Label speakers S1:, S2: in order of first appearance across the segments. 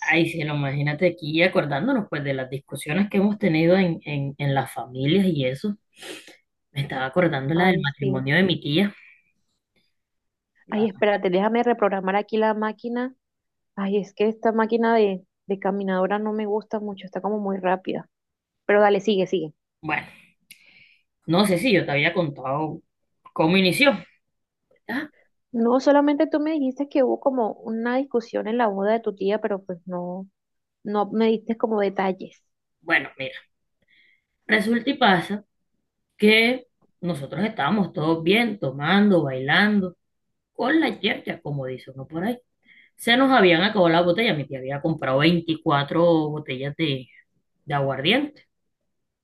S1: Ay, sí, no, imagínate aquí acordándonos pues de las discusiones que hemos tenido en las familias y eso. Me estaba acordando la del
S2: Ay, sí.
S1: matrimonio de mi tía.
S2: Ay,
S1: La-
S2: espérate, déjame reprogramar aquí la máquina. Ay, es que esta máquina de caminadora no me gusta mucho, está como muy rápida. Pero dale, sigue, sigue.
S1: bueno, no sé si yo te había contado cómo inició. Ah,
S2: No, solamente tú me dijiste que hubo como una discusión en la boda de tu tía, pero pues no, no me diste como detalles.
S1: bueno, mira, resulta y pasa que nosotros estábamos todos bien, tomando, bailando, con la yerja, como dice uno por ahí. Se nos habían acabado las botellas. Mi tía había comprado 24 botellas de aguardiente,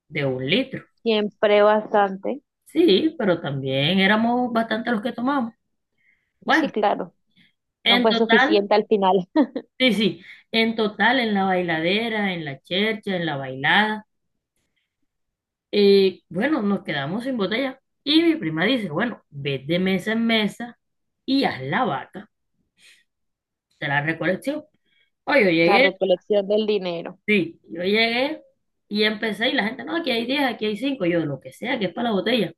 S1: de un litro.
S2: Siempre bastante.
S1: Sí, pero también éramos bastante los que tomamos.
S2: Sí,
S1: Bueno,
S2: claro. No
S1: en
S2: fue
S1: total,
S2: suficiente al final.
S1: sí, sí, en total, en la bailadera, en la chercha, en la bailada, bueno, nos quedamos sin botella. Y mi prima dice, bueno, ve de mesa en mesa y haz la vaca de la recolección. Oye, yo
S2: La
S1: llegué,
S2: recolección del dinero.
S1: sí, yo llegué y empecé y la gente, no, aquí hay 10, aquí hay 5, yo lo que sea, que es para la botella.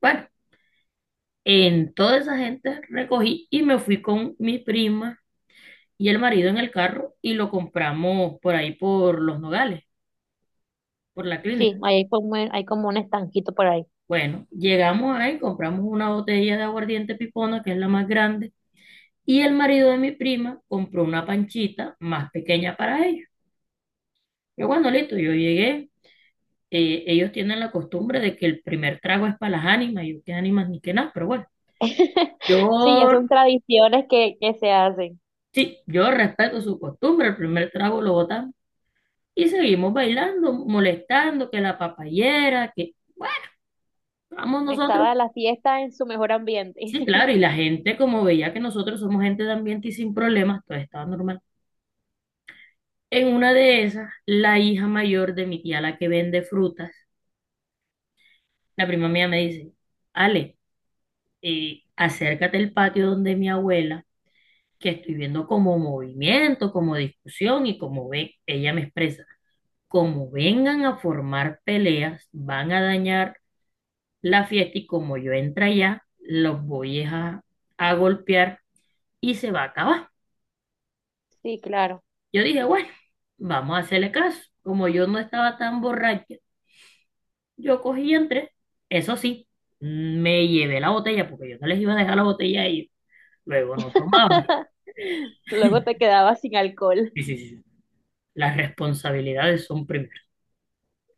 S1: Bueno, en toda esa gente recogí y me fui con mi prima y el marido en el carro y lo compramos por ahí por Los Nogales, por la clínica.
S2: Sí, hay como un estanquito por ahí.
S1: Bueno, llegamos ahí, compramos una botella de aguardiente pipona, que es la más grande, y el marido de mi prima compró una panchita más pequeña para ellos. Yo cuando listo, yo llegué, ellos tienen la costumbre de que el primer trago es para las ánimas, yo qué ánimas ni qué nada, pero bueno, yo
S2: Sí, ya son tradiciones que se hacen.
S1: sí, yo respeto su costumbre, el primer trago lo botamos y seguimos bailando, molestando, que la papayera, que bueno, vamos nosotros.
S2: Estaba la fiesta en su mejor ambiente.
S1: Sí, claro, y la gente, como veía que nosotros somos gente de ambiente y sin problemas, todo estaba normal. En una de esas, la hija mayor de mi tía, la que vende frutas, la prima mía me dice, Ale, acércate al patio donde mi abuela, que estoy viendo como movimiento, como discusión y como ve, ella me expresa, como vengan a formar peleas, van a dañar la fiesta y como yo entra allá, los voy es a golpear y se va a acabar.
S2: Sí, claro.
S1: Yo dije, bueno, vamos a hacerle caso. Como yo no estaba tan borracha, yo cogí y entré. Eso sí, me llevé la botella porque yo no les iba a dejar la botella a ellos. Luego no tomaba.
S2: Luego te quedabas sin alcohol.
S1: Sí, sí, sí. Sí. Las responsabilidades son primero.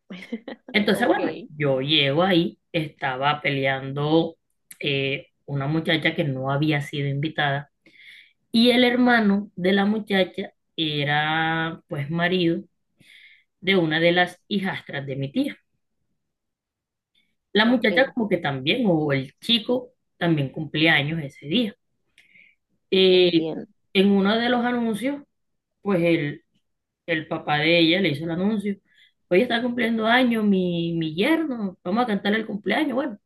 S1: Entonces, bueno,
S2: Ok,
S1: yo llego ahí, estaba peleando una muchacha que no había sido invitada y el hermano de la muchacha era pues marido de una de las hijastras de mi tía. La
S2: ok,
S1: muchacha como que también, o el chico también cumplía años ese día. Eh,
S2: entiendo.
S1: en uno de los anuncios, pues el papá de ella le hizo el anuncio. Hoy está cumpliendo años mi yerno, vamos a cantarle el cumpleaños. Bueno,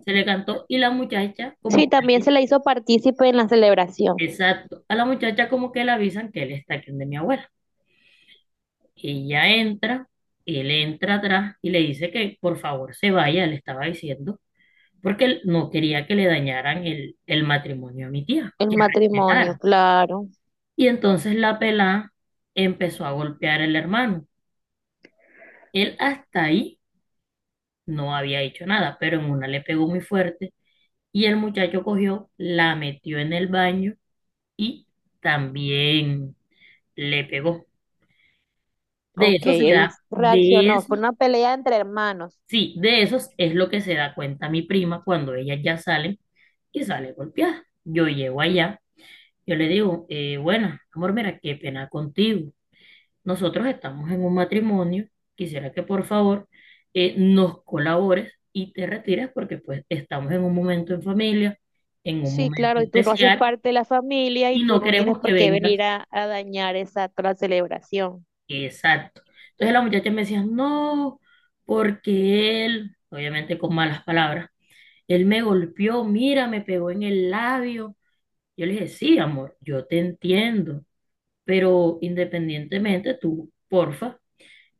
S1: se le cantó y la muchacha
S2: Sí,
S1: como
S2: también
S1: que,
S2: se le hizo partícipe en la celebración.
S1: exacto, a la muchacha como que le avisan que él está aquí donde mi abuela. Ella entra, él entra atrás y le dice que por favor se vaya, le estaba diciendo, porque él no quería que le dañaran el matrimonio a mi tía,
S2: El
S1: que
S2: matrimonio,
S1: respetar.
S2: claro.
S1: Y entonces la pelá empezó a golpear al hermano. Él hasta ahí no había hecho nada, pero en una le pegó muy fuerte y el muchacho cogió, la metió en el baño y también le pegó. De
S2: Ok,
S1: eso se
S2: él
S1: da, de
S2: reaccionó.
S1: eso,
S2: Fue una pelea entre hermanos.
S1: Sí, de eso es lo que se da cuenta mi prima cuando ellas ya salen y sale golpeada. Yo llego allá. Yo le digo, bueno, amor, mira, qué pena contigo. Nosotros estamos en un matrimonio. Quisiera que por favor, nos colabores y te retires porque pues estamos en un momento en familia, en un
S2: Sí,
S1: momento
S2: claro, y tú no haces
S1: especial
S2: parte de la familia y
S1: y
S2: tú
S1: no
S2: no tienes
S1: queremos que
S2: por qué
S1: vengas.
S2: venir a dañar esa toda la celebración.
S1: Exacto. Entonces la muchacha me decía, no, porque él, obviamente con malas palabras, él me golpeó, mira, me pegó en el labio. Yo le dije, sí, amor, yo te entiendo. Pero independientemente, tú, porfa,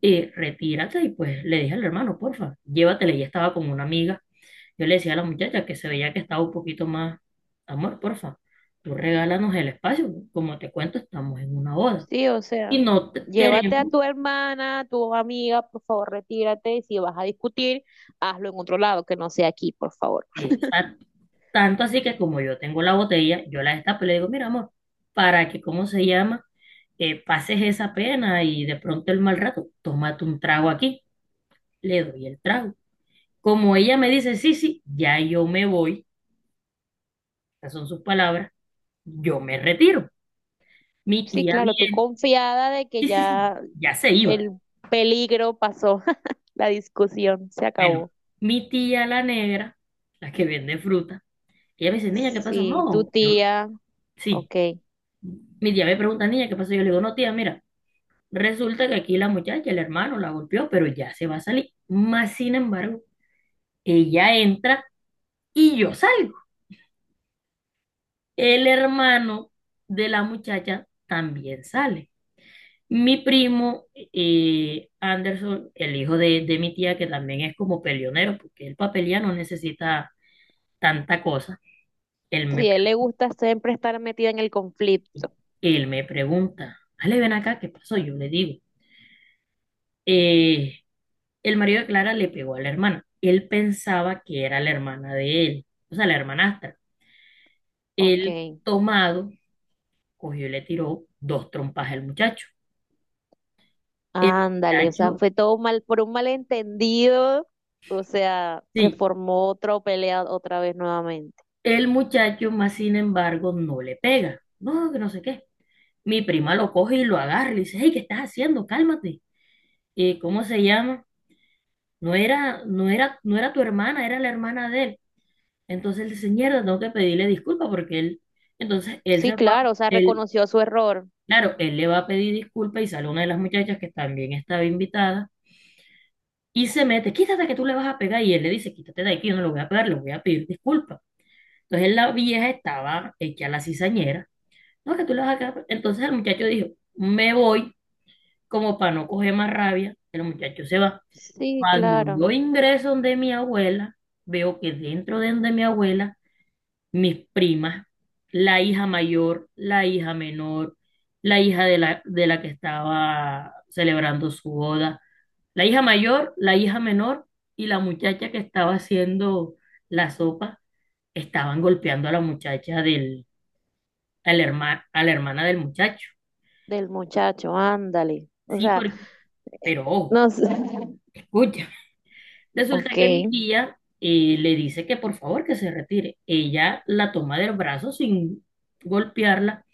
S1: retírate y pues le dije al hermano, porfa, llévatela. Ella estaba con una amiga. Yo le decía a la muchacha que se veía que estaba un poquito más, amor, porfa, tú regálanos el espacio. Como te cuento, estamos en una boda.
S2: Sí, o sea,
S1: Y no te
S2: llévate a
S1: queremos,
S2: tu hermana, a tu amiga, por favor, retírate. Y si vas a discutir, hazlo en otro lado, que no sea aquí, por favor.
S1: exacto. Tanto así que como yo tengo la botella, yo la destapo y le digo, mira, amor, para que, ¿cómo se llama? Pases esa pena y de pronto el mal rato, tómate un trago aquí. Le doy el trago. Como ella me dice, sí, sí, ya yo me voy, estas son sus palabras, yo me retiro. Mi
S2: Sí,
S1: tía
S2: claro, tú
S1: viene,
S2: confiada de que
S1: sí, sí, sí,
S2: ya
S1: ya se iba.
S2: el peligro pasó, la discusión se
S1: Bueno,
S2: acabó.
S1: mi tía la negra, la que vende fruta, ella me dice, niña, ¿qué pasó?
S2: Sí, tu
S1: No, yo,
S2: tía,
S1: sí.
S2: ok.
S1: Mi tía me pregunta, niña, ¿qué pasó? Yo le digo, no, tía, mira, resulta que aquí la muchacha, el hermano, la golpeó, pero ya se va a salir. Más sin embargo, ella entra y yo salgo. El hermano de la muchacha también sale. Mi primo, Anderson, el hijo de mi tía, que también es como peleonero, porque él para pelear no necesita tanta cosa, él
S2: Si
S1: me,
S2: a él le gusta siempre estar metido en el conflicto.
S1: él me pregunta, Ale, ven acá, ¿qué pasó? Yo le digo, eh, el marido de Clara le pegó a la hermana. Él pensaba que era la hermana de él, o sea, la hermanastra.
S2: Ok,
S1: Él, tomado, cogió y le tiró dos trompas al muchacho. El
S2: ándale, o sea,
S1: muchacho,
S2: fue todo mal, por un malentendido, o sea, se
S1: sí,
S2: formó otra pelea otra vez nuevamente.
S1: el muchacho más sin embargo no le pega. No, que no sé qué. Mi prima lo coge y lo agarra y le dice, hey, ¿qué estás haciendo? Cálmate. ¿Y cómo se llama? No era, no era, no era tu hermana, era la hermana de él. Entonces él dice, mierda, tengo que pedirle disculpas porque él, entonces él
S2: Sí,
S1: se va,
S2: claro, o sea,
S1: él,
S2: reconoció su error.
S1: claro, él le va a pedir disculpas y sale una de las muchachas que también estaba invitada y se mete, quítate que tú le vas a pegar y él le dice, quítate de aquí, yo no lo voy a pegar, le voy a pedir disculpas. Entonces la vieja estaba hecha la cizañera, no, que tú le vas a pegar. Entonces el muchacho dijo, me voy como para no coger más rabia. El muchacho se va.
S2: Sí,
S1: Cuando
S2: claro,
S1: yo ingreso donde mi abuela, veo que dentro de donde mi abuela, mis primas, la hija mayor, la hija menor, la hija de la, que estaba celebrando su boda, la hija mayor, la hija menor y la muchacha que estaba haciendo la sopa, estaban golpeando a la muchacha a la hermana del muchacho.
S2: del muchacho, ándale. O
S1: Sí,
S2: sea,
S1: porque,
S2: eh,
S1: pero ojo,
S2: no sé.
S1: escucha. Resulta
S2: Ok,
S1: que mi tía, le dice que por favor que se retire. Ella la toma del brazo sin golpearla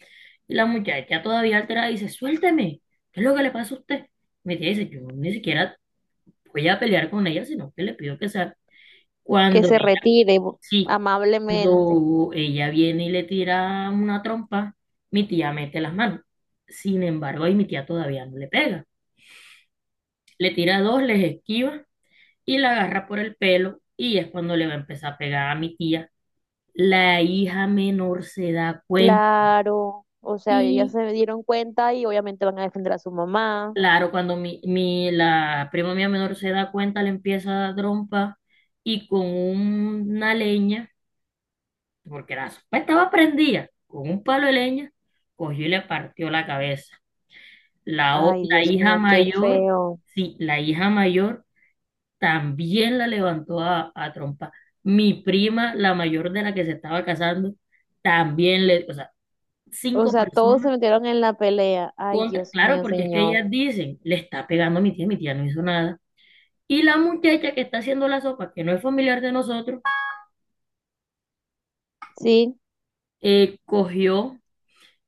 S1: y la muchacha todavía alterada dice, suélteme, ¿qué es lo que le pasa a usted? Mi tía dice, yo ni siquiera voy a pelear con ella, sino que le pido que salga.
S2: que
S1: Cuando
S2: se
S1: ella,
S2: retire bu-
S1: sí,
S2: amablemente.
S1: cuando ella viene y le tira una trompa, mi tía mete las manos. Sin embargo, ahí mi tía todavía no le pega. Le tira dos, les esquiva y la agarra por el pelo y es cuando le va a empezar a pegar a mi tía. La hija menor se da cuenta
S2: Claro, o sea, ellas
S1: y
S2: se dieron cuenta y obviamente van a defender a su mamá.
S1: claro, cuando la prima mía menor se da cuenta, le empieza a dar trompa y con una leña, porque la sopa estaba prendida, con un palo de leña, cogió y le partió la cabeza.
S2: Ay,
S1: La
S2: Dios
S1: hija
S2: mío, qué
S1: mayor,
S2: feo.
S1: sí, la hija mayor también la levantó a trompa. Mi prima, la mayor de la que se estaba casando, también le, o sea,
S2: O
S1: cinco
S2: sea, todos se
S1: personas
S2: metieron en la pelea. Ay,
S1: contra,
S2: Dios
S1: claro,
S2: mío,
S1: porque es que
S2: señor.
S1: ellas dicen, le está pegando a mi tía no hizo nada. Y la muchacha que está haciendo la sopa, que no es familiar de nosotros,
S2: Sí,
S1: cogió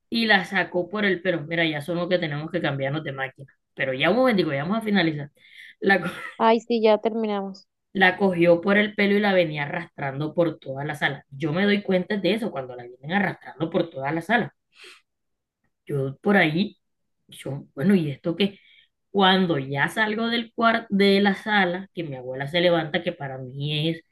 S1: y la sacó por el pelo. Mira, ya son los que tenemos que cambiarnos de máquina. Pero ya un momentico, ya vamos a finalizar. La, co-
S2: ay, sí, ya terminamos.
S1: la cogió por el pelo y la venía arrastrando por toda la sala. Yo me doy cuenta de eso cuando la vienen arrastrando por toda la sala. Yo por ahí, yo, bueno, ¿y esto qué? Cuando ya salgo del cuarto de la sala, que mi abuela se levanta, que para mí es,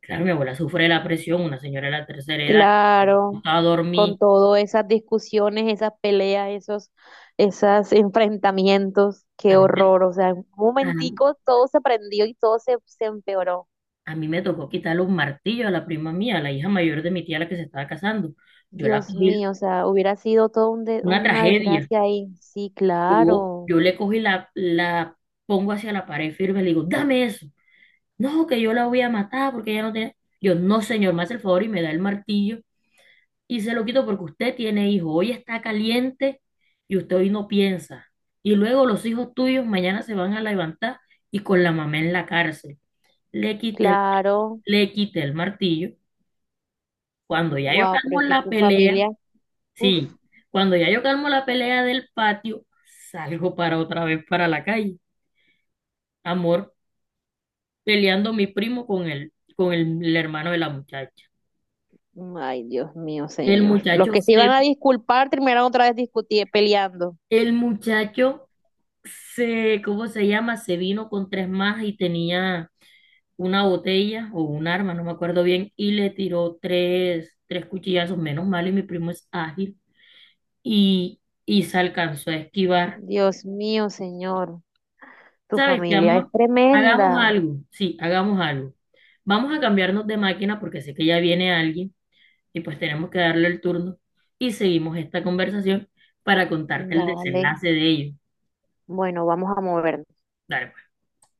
S1: claro, mi abuela sufre de la presión, una señora de la tercera edad, le
S2: Claro,
S1: gustaba
S2: con
S1: dormir.
S2: todas esas discusiones, esas peleas, esos enfrentamientos, qué
S1: A mí, me-
S2: horror. O sea, en un
S1: a,
S2: momentico todo se prendió y todo se empeoró.
S1: a mí me tocó quitarle un martillo a la prima mía, a la hija mayor de mi tía, la que se estaba casando. Yo la
S2: Dios
S1: cogí,
S2: mío, o sea, hubiera sido todo un de-
S1: una
S2: una
S1: tragedia.
S2: desgracia ahí. Sí,
S1: Yo,
S2: claro.
S1: yo le cogí la, pongo hacia la pared firme, le digo, dame eso. No, que yo la voy a matar porque ella no tiene. Yo, no, señor, me hace el favor y me da el martillo y se lo quito porque usted tiene hijos. Hoy está caliente y usted hoy no piensa. Y luego los hijos tuyos mañana se van a levantar y con la mamá en la cárcel. Le quité,
S2: Claro,
S1: le quité el martillo. Cuando ya yo
S2: wow, pero
S1: calmo
S2: es que
S1: la
S2: tu
S1: pelea,
S2: familia, uff,
S1: sí, cuando ya yo calmo la pelea del patio, salgo para otra vez para la calle. Amor, peleando mi primo con el hermano de la muchacha.
S2: ay Dios mío,
S1: El
S2: señor. Los
S1: muchacho
S2: que se iban
S1: se,
S2: a disculpar terminaron otra vez discutiendo, peleando.
S1: el muchacho se, ¿cómo se llama? Se vino con tres más y tenía una botella o un arma, no me acuerdo bien, y le tiró tres cuchillazos, menos mal, y mi primo es ágil, y se alcanzó a esquivar.
S2: Dios mío, señor, tu
S1: ¿Sabes qué,
S2: familia es
S1: amor? Hagamos
S2: tremenda.
S1: algo, sí, hagamos algo. Vamos a cambiarnos de máquina porque sé que ya viene alguien y pues tenemos que darle el turno y seguimos esta conversación para contarte el
S2: Dale,
S1: desenlace de ello.
S2: bueno, vamos a movernos.
S1: Dale, pues.